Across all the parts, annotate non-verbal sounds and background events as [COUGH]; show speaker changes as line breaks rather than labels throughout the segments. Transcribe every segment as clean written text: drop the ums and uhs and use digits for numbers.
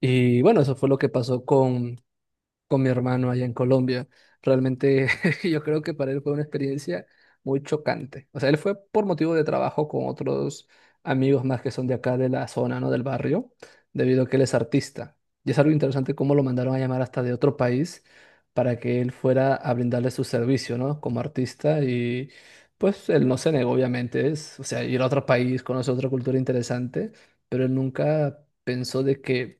Y bueno, eso fue lo que pasó con mi hermano allá en Colombia. Realmente [LAUGHS] yo creo que para él fue una experiencia muy chocante. O sea, él fue por motivo de trabajo con otros amigos más que son de acá, de la zona, ¿no? Del barrio, debido a que él es artista. Y es algo interesante cómo lo mandaron a llamar hasta de otro país para que él fuera a brindarle su servicio, ¿no? Como artista y pues él no se negó, obviamente. Es, o sea, ir a otro país, conocer otra cultura interesante, pero él nunca pensó de que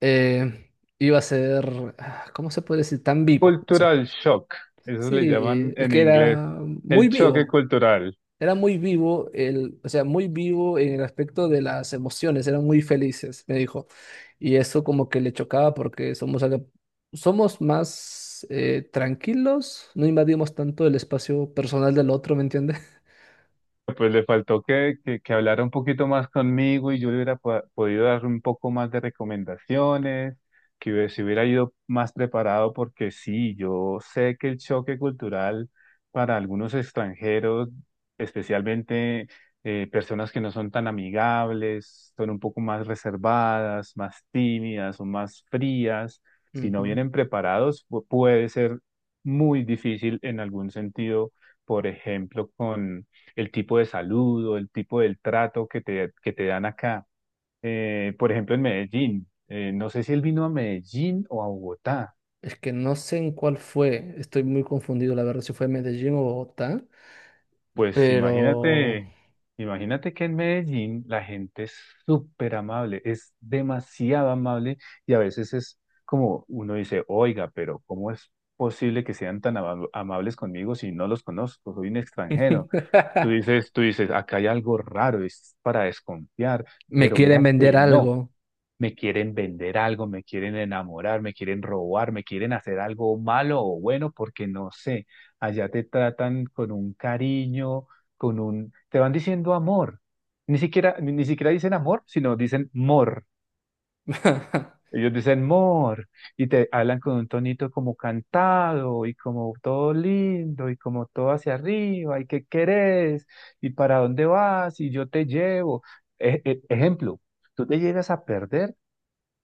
eh, iba a ser, ah, ¿cómo se puede decir? Tan vivo. O sea,
Cultural shock, eso
sí,
le llaman
es
en
que
inglés
era muy
el choque
vivo.
cultural.
Era muy vivo, el, o sea, muy vivo en el aspecto de las emociones, eran muy felices, me dijo. Y eso como que le chocaba porque somos, somos más tranquilos, no invadimos tanto el espacio personal del otro, ¿me entiendes?
Pues le faltó que hablara un poquito más conmigo y yo le hubiera podido dar un poco más de recomendaciones, que se hubiera ido más preparado porque sí, yo sé que el choque cultural para algunos extranjeros, especialmente personas que no son tan amigables, son un poco más reservadas, más tímidas o más frías,
[LAUGHS]
si no
Ujú.
vienen preparados, puede ser muy difícil en algún sentido, por ejemplo, con el tipo de saludo, el tipo del trato que te dan acá. Por ejemplo, en Medellín, no sé si él vino a Medellín o a Bogotá.
Es que no sé en cuál fue, estoy muy confundido, la verdad, si fue Medellín o Bogotá,
Pues
pero...
imagínate, imagínate que en Medellín la gente es súper amable, es demasiado amable y a veces es como uno dice, oiga, pero ¿cómo es posible que sean tan amables conmigo si no los conozco? Soy un extranjero. Tú
[LAUGHS]
dices, tú dices, acá hay algo raro, es para desconfiar,
Me
pero
quieren
mira
vender
que no.
algo.
Me quieren vender algo, me quieren enamorar, me quieren robar, me quieren hacer algo malo o bueno, porque no sé, allá te tratan con un cariño, con un, te van diciendo amor. Ni siquiera dicen amor, sino dicen mor.
[LAUGHS]
Ellos dicen mor y te hablan con un tonito como cantado y como todo lindo y como todo hacia arriba y qué querés y para dónde vas y yo te llevo. Ejemplo, tú te llegas a perder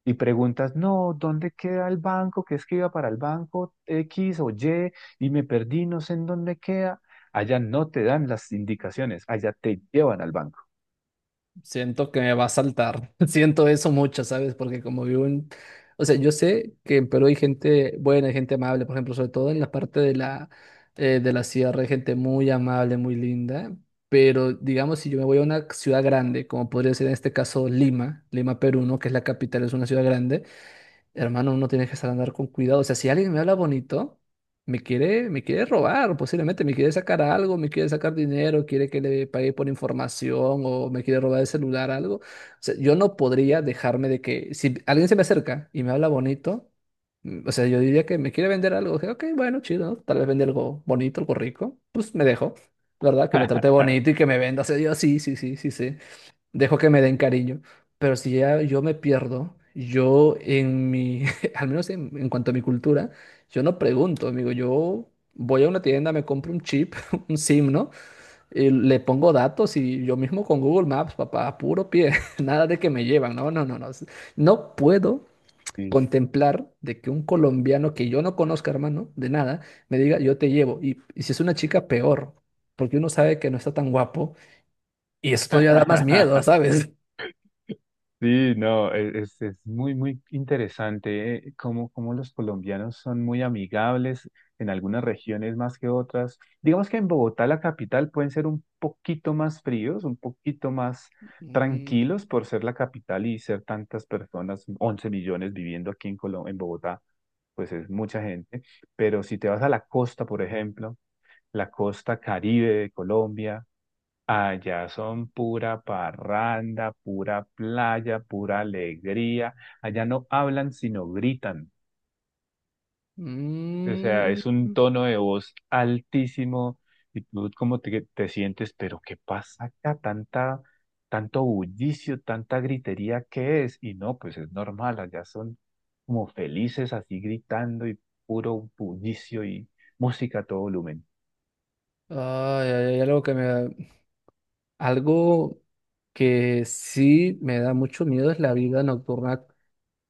y preguntas, no, ¿dónde queda el banco? Que es que iba para el banco X o Y y me perdí, no sé en dónde queda. Allá no te dan las indicaciones, allá te llevan al banco.
Siento que me va a saltar. [LAUGHS] Siento eso mucho, ¿sabes? Porque como vivo en... O sea, yo sé que en Perú hay gente buena, hay gente amable, por ejemplo, sobre todo en la parte de de la sierra, hay gente muy amable, muy linda. Pero digamos, si yo me voy a una ciudad grande, como podría ser en este caso Lima, Lima, Perú, ¿no? Que es la capital, es una ciudad grande. Hermano, uno tiene que estar andar con cuidado. O sea, si alguien me habla bonito, me quiere robar, posiblemente me quiere sacar algo, me quiere sacar dinero, quiere que le pague por información o me quiere robar el celular, algo. O sea, yo no podría dejarme de que si alguien se me acerca y me habla bonito, o sea, yo diría que me quiere vender algo. Dije, ok, bueno, chido, ¿no? Tal vez vende algo bonito, algo rico. Pues me dejo, ¿verdad? Que me trate bonito y que me venda. O sea, yo sí, sí, sí, sí, sí dejo que me den cariño, pero si ya yo me pierdo, yo en mi, [LAUGHS] al menos en cuanto a mi cultura, yo no pregunto, amigo, yo voy a una tienda, me compro un chip, [LAUGHS] un SIM, ¿no? Y le pongo datos y yo mismo con Google Maps, papá, a puro pie, [LAUGHS] nada de que me llevan, no, no, no, no, no puedo
Sí.
contemplar de que un colombiano que yo no conozca, hermano, de nada, me diga, yo te llevo. Y si es una chica, peor, porque uno sabe que no está tan guapo y eso todavía da más miedo, [LAUGHS]
[LAUGHS]
¿sabes?
Sí, no, es muy, muy interesante cómo los colombianos son muy amigables en algunas regiones más que otras. Digamos que en Bogotá, la capital, pueden ser un poquito más fríos, un poquito más
Mm,
tranquilos por ser la capital y ser tantas personas, 11 millones viviendo aquí en en Bogotá, pues es mucha gente. Pero si te vas a la costa, por ejemplo, la costa Caribe de Colombia, allá son pura parranda, pura playa, pura alegría. Allá no hablan, sino gritan. O sea,
mm.
es un tono de voz altísimo y tú como te sientes, pero ¿qué pasa acá? Tanta, tanto bullicio, tanta gritería, ¿qué es? Y no, pues es normal, allá son como felices así gritando y puro bullicio y música a todo volumen.
Ay, ay, ay, algo que me algo que sí me da mucho miedo es la vida nocturna.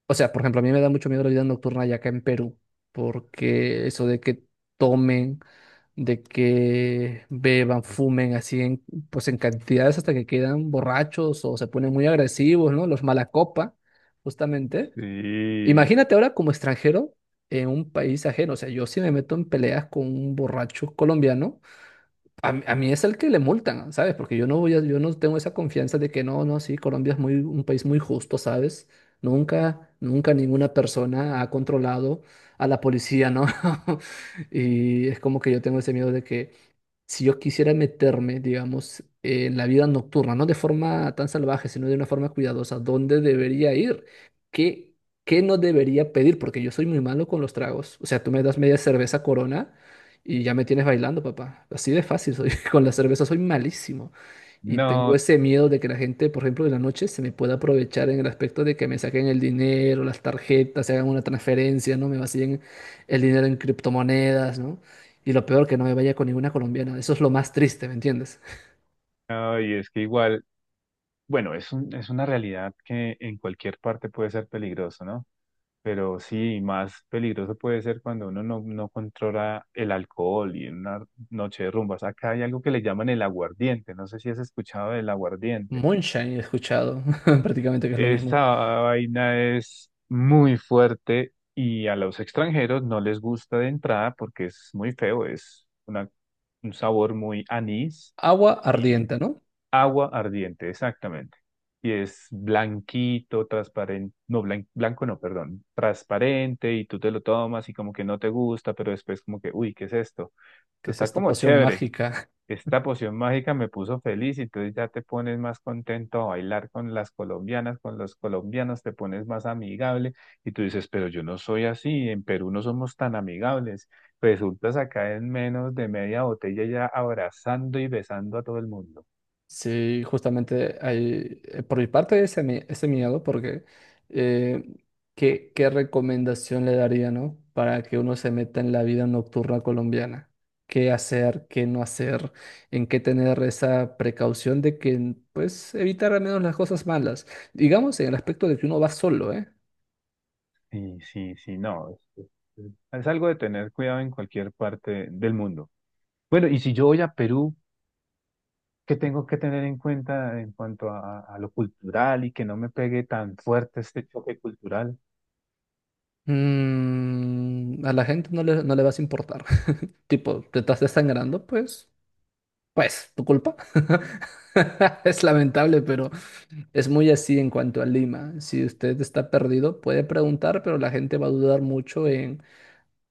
O sea, por ejemplo, a mí me da mucho miedo la vida nocturna allá acá en Perú, porque eso de que tomen, de que beban, fumen pues en cantidades hasta que quedan borrachos o se ponen muy agresivos, ¿no? Los malacopa, justamente.
Sí,
Imagínate ahora como extranjero en un país ajeno. O sea, yo si me meto en peleas con un borracho colombiano, a mí es el que le multan, ¿sabes? Porque yo no tengo esa confianza de que no, no, sí, Colombia es muy, un país muy justo, ¿sabes? Nunca, nunca ninguna persona ha controlado a la policía, ¿no? [LAUGHS] Y es como que yo tengo ese miedo de que si yo quisiera meterme, digamos, en la vida nocturna, no de forma tan salvaje, sino de una forma cuidadosa, ¿dónde debería ir? ¿Qué, ¿qué no debería pedir? Porque yo soy muy malo con los tragos. O sea, tú me das media cerveza Corona y ya me tienes bailando, papá. Así de fácil soy. [LAUGHS] Con la cerveza soy malísimo. Y tengo
no,
ese miedo de que la gente, por ejemplo, en la noche se me pueda aprovechar en el aspecto de que me saquen el dinero, las tarjetas, se hagan una transferencia, ¿no? Me vacíen el dinero en criptomonedas, ¿no? Y lo peor, que no me vaya con ninguna colombiana. Eso es lo más triste, ¿me entiendes?
no, y es que igual. Bueno, es es una realidad que en cualquier parte puede ser peligroso, ¿no? Pero sí, más peligroso puede ser cuando uno no controla el alcohol y en una noche de rumbas. Acá hay algo que le llaman el aguardiente. No sé si has escuchado del aguardiente.
Moonshine he escuchado, [LAUGHS] prácticamente que es lo mismo.
Esta vaina es muy fuerte y a los extranjeros no les gusta de entrada porque es muy feo. Es una, un sabor muy anís
Agua
y
ardiente, ¿no?
agua ardiente, exactamente. Y es blanquito, transparente, no, blanco no, perdón, transparente y tú te lo tomas y como que no te gusta, pero después como que, uy, ¿qué es esto?
Que es
Está
esta
como
poción
chévere.
mágica.
Esta poción mágica me puso feliz y entonces ya te pones más contento a bailar con las colombianas, con los colombianos, te pones más amigable y tú dices, pero yo no soy así, en Perú no somos tan amigables. Resultas acá en menos de media botella ya abrazando y besando a todo el mundo.
Sí, justamente hay, por mi parte ese, ese miedo, porque eh, ¿qué, qué recomendación le daría, ¿no? Para que uno se meta en la vida nocturna colombiana. ¿Qué hacer, qué no hacer? ¿En qué tener esa precaución de que, pues, evitar al menos las cosas malas? Digamos en el aspecto de que uno va solo, ¿eh?
Sí, sí, sí, no. Es, es algo de tener cuidado en cualquier parte del mundo. Bueno, y si yo voy a Perú, ¿qué tengo que tener en cuenta en cuanto a lo cultural y que no me pegue tan fuerte este choque cultural?
Mm, a la gente no le, no le vas a importar. [LAUGHS] Tipo, te estás desangrando, pues, tu culpa. [LAUGHS] Es lamentable, pero es muy así en cuanto a Lima. Si usted está perdido, puede preguntar, pero la gente va a dudar mucho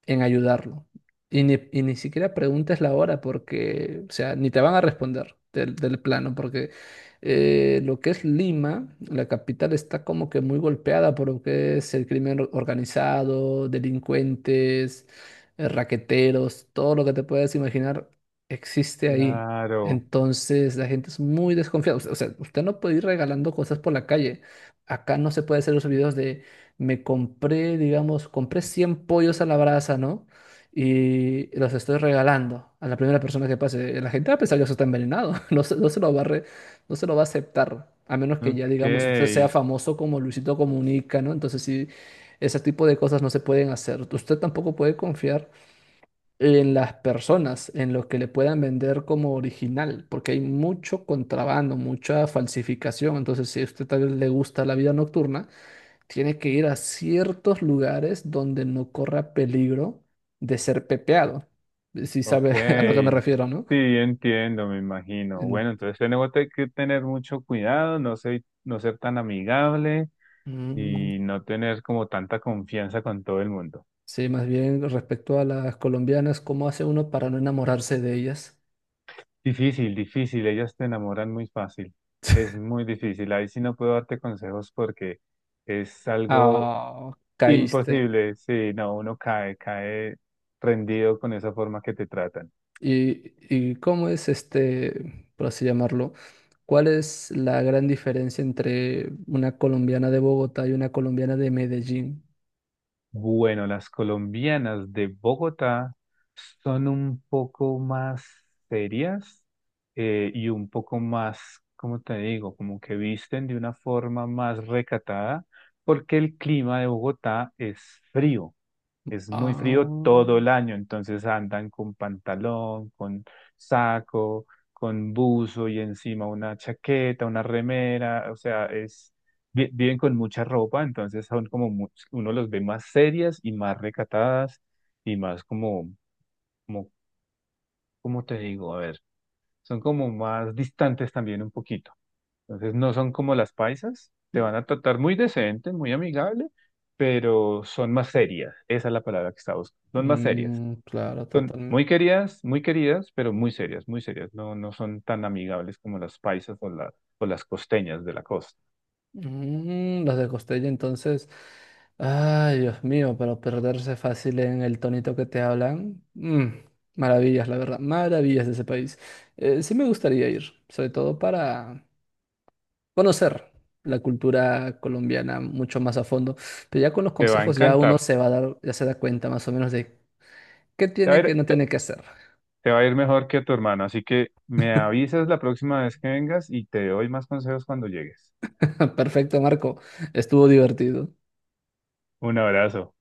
en ayudarlo. Y ni siquiera preguntes la hora porque, o sea, ni te van a responder del plano, porque lo que es Lima, la capital, está como que muy golpeada por lo que es el crimen organizado, delincuentes, raqueteros, todo lo que te puedas imaginar existe ahí.
Claro,
Entonces la gente es muy desconfiada. O sea, usted no puede ir regalando cosas por la calle. Acá no se puede hacer los videos me compré, digamos, compré 100 pollos a la brasa, ¿no? Y los estoy regalando a la primera persona que pase. La gente va a pensar que eso está envenenado, [LAUGHS] no se lo va a no se lo va a aceptar, a menos que ya, digamos, usted sea
ok,
famoso como Luisito Comunica, ¿no? Entonces sí, ese tipo de cosas no se pueden hacer. Usted tampoco puede confiar en las personas, en lo que le puedan vender como original, porque hay mucho contrabando, mucha falsificación. Entonces, si a usted tal vez le gusta la vida nocturna, tiene que ir a ciertos lugares donde no corra peligro de ser pepeado. Si sabe [LAUGHS] a lo que me
ok.
refiero, ¿no?
Sí, entiendo, me imagino.
En-
Bueno, entonces tenemos que tener mucho cuidado, no ser tan amigable
Mm,
y no tener como tanta confianza con todo el mundo.
sí, más bien respecto a las colombianas, ¿cómo hace uno para no enamorarse de ellas?
Difícil, difícil. Ellas te enamoran muy fácil. Es muy difícil. Ahí sí no puedo darte consejos porque es algo
Ah, caíste.
imposible. Sí, no, uno cae, cae rendido con esa forma que te tratan.
¿Y, y cómo es este, por así llamarlo? ¿Cuál es la gran diferencia entre una colombiana de Bogotá y una colombiana de Medellín?
Bueno, las colombianas de Bogotá son un poco más serias y un poco más, ¿cómo te digo? Como que visten de una forma más recatada porque el clima de Bogotá es frío. Es muy frío
Ah,
todo el año, entonces andan con pantalón, con saco, con buzo y encima una chaqueta, una remera, o sea, es viven con mucha ropa, entonces son como uno los ve más serias y más recatadas y más como ¿cómo te digo? A ver, son como más distantes también un poquito. Entonces no son como las paisas, te van a tratar muy decente, muy amigable, pero son más serias, esa es la palabra que está buscando. Son más serias.
mm, claro,
Son
totalmente.
muy queridas, pero muy serias, muy serias. No, no son tan amigables como las paisas o las costeñas de la costa.
Mm, los de Costello, entonces, ay, Dios mío, pero perderse fácil en el tonito que te hablan. Mm, maravillas, la verdad, maravillas de ese país. Sí me gustaría ir, sobre todo para conocer la cultura colombiana mucho más a fondo, pero ya con los
Te va a
consejos ya
encantar.
uno se va a dar, ya se da cuenta más o menos de qué
Te va a
tiene,
ir,
que, no tiene que hacer.
te va a ir mejor que a tu hermano, así que me avisas la próxima vez que vengas y te doy más consejos cuando llegues.
[LAUGHS] Perfecto, Marco, estuvo divertido.
Un abrazo.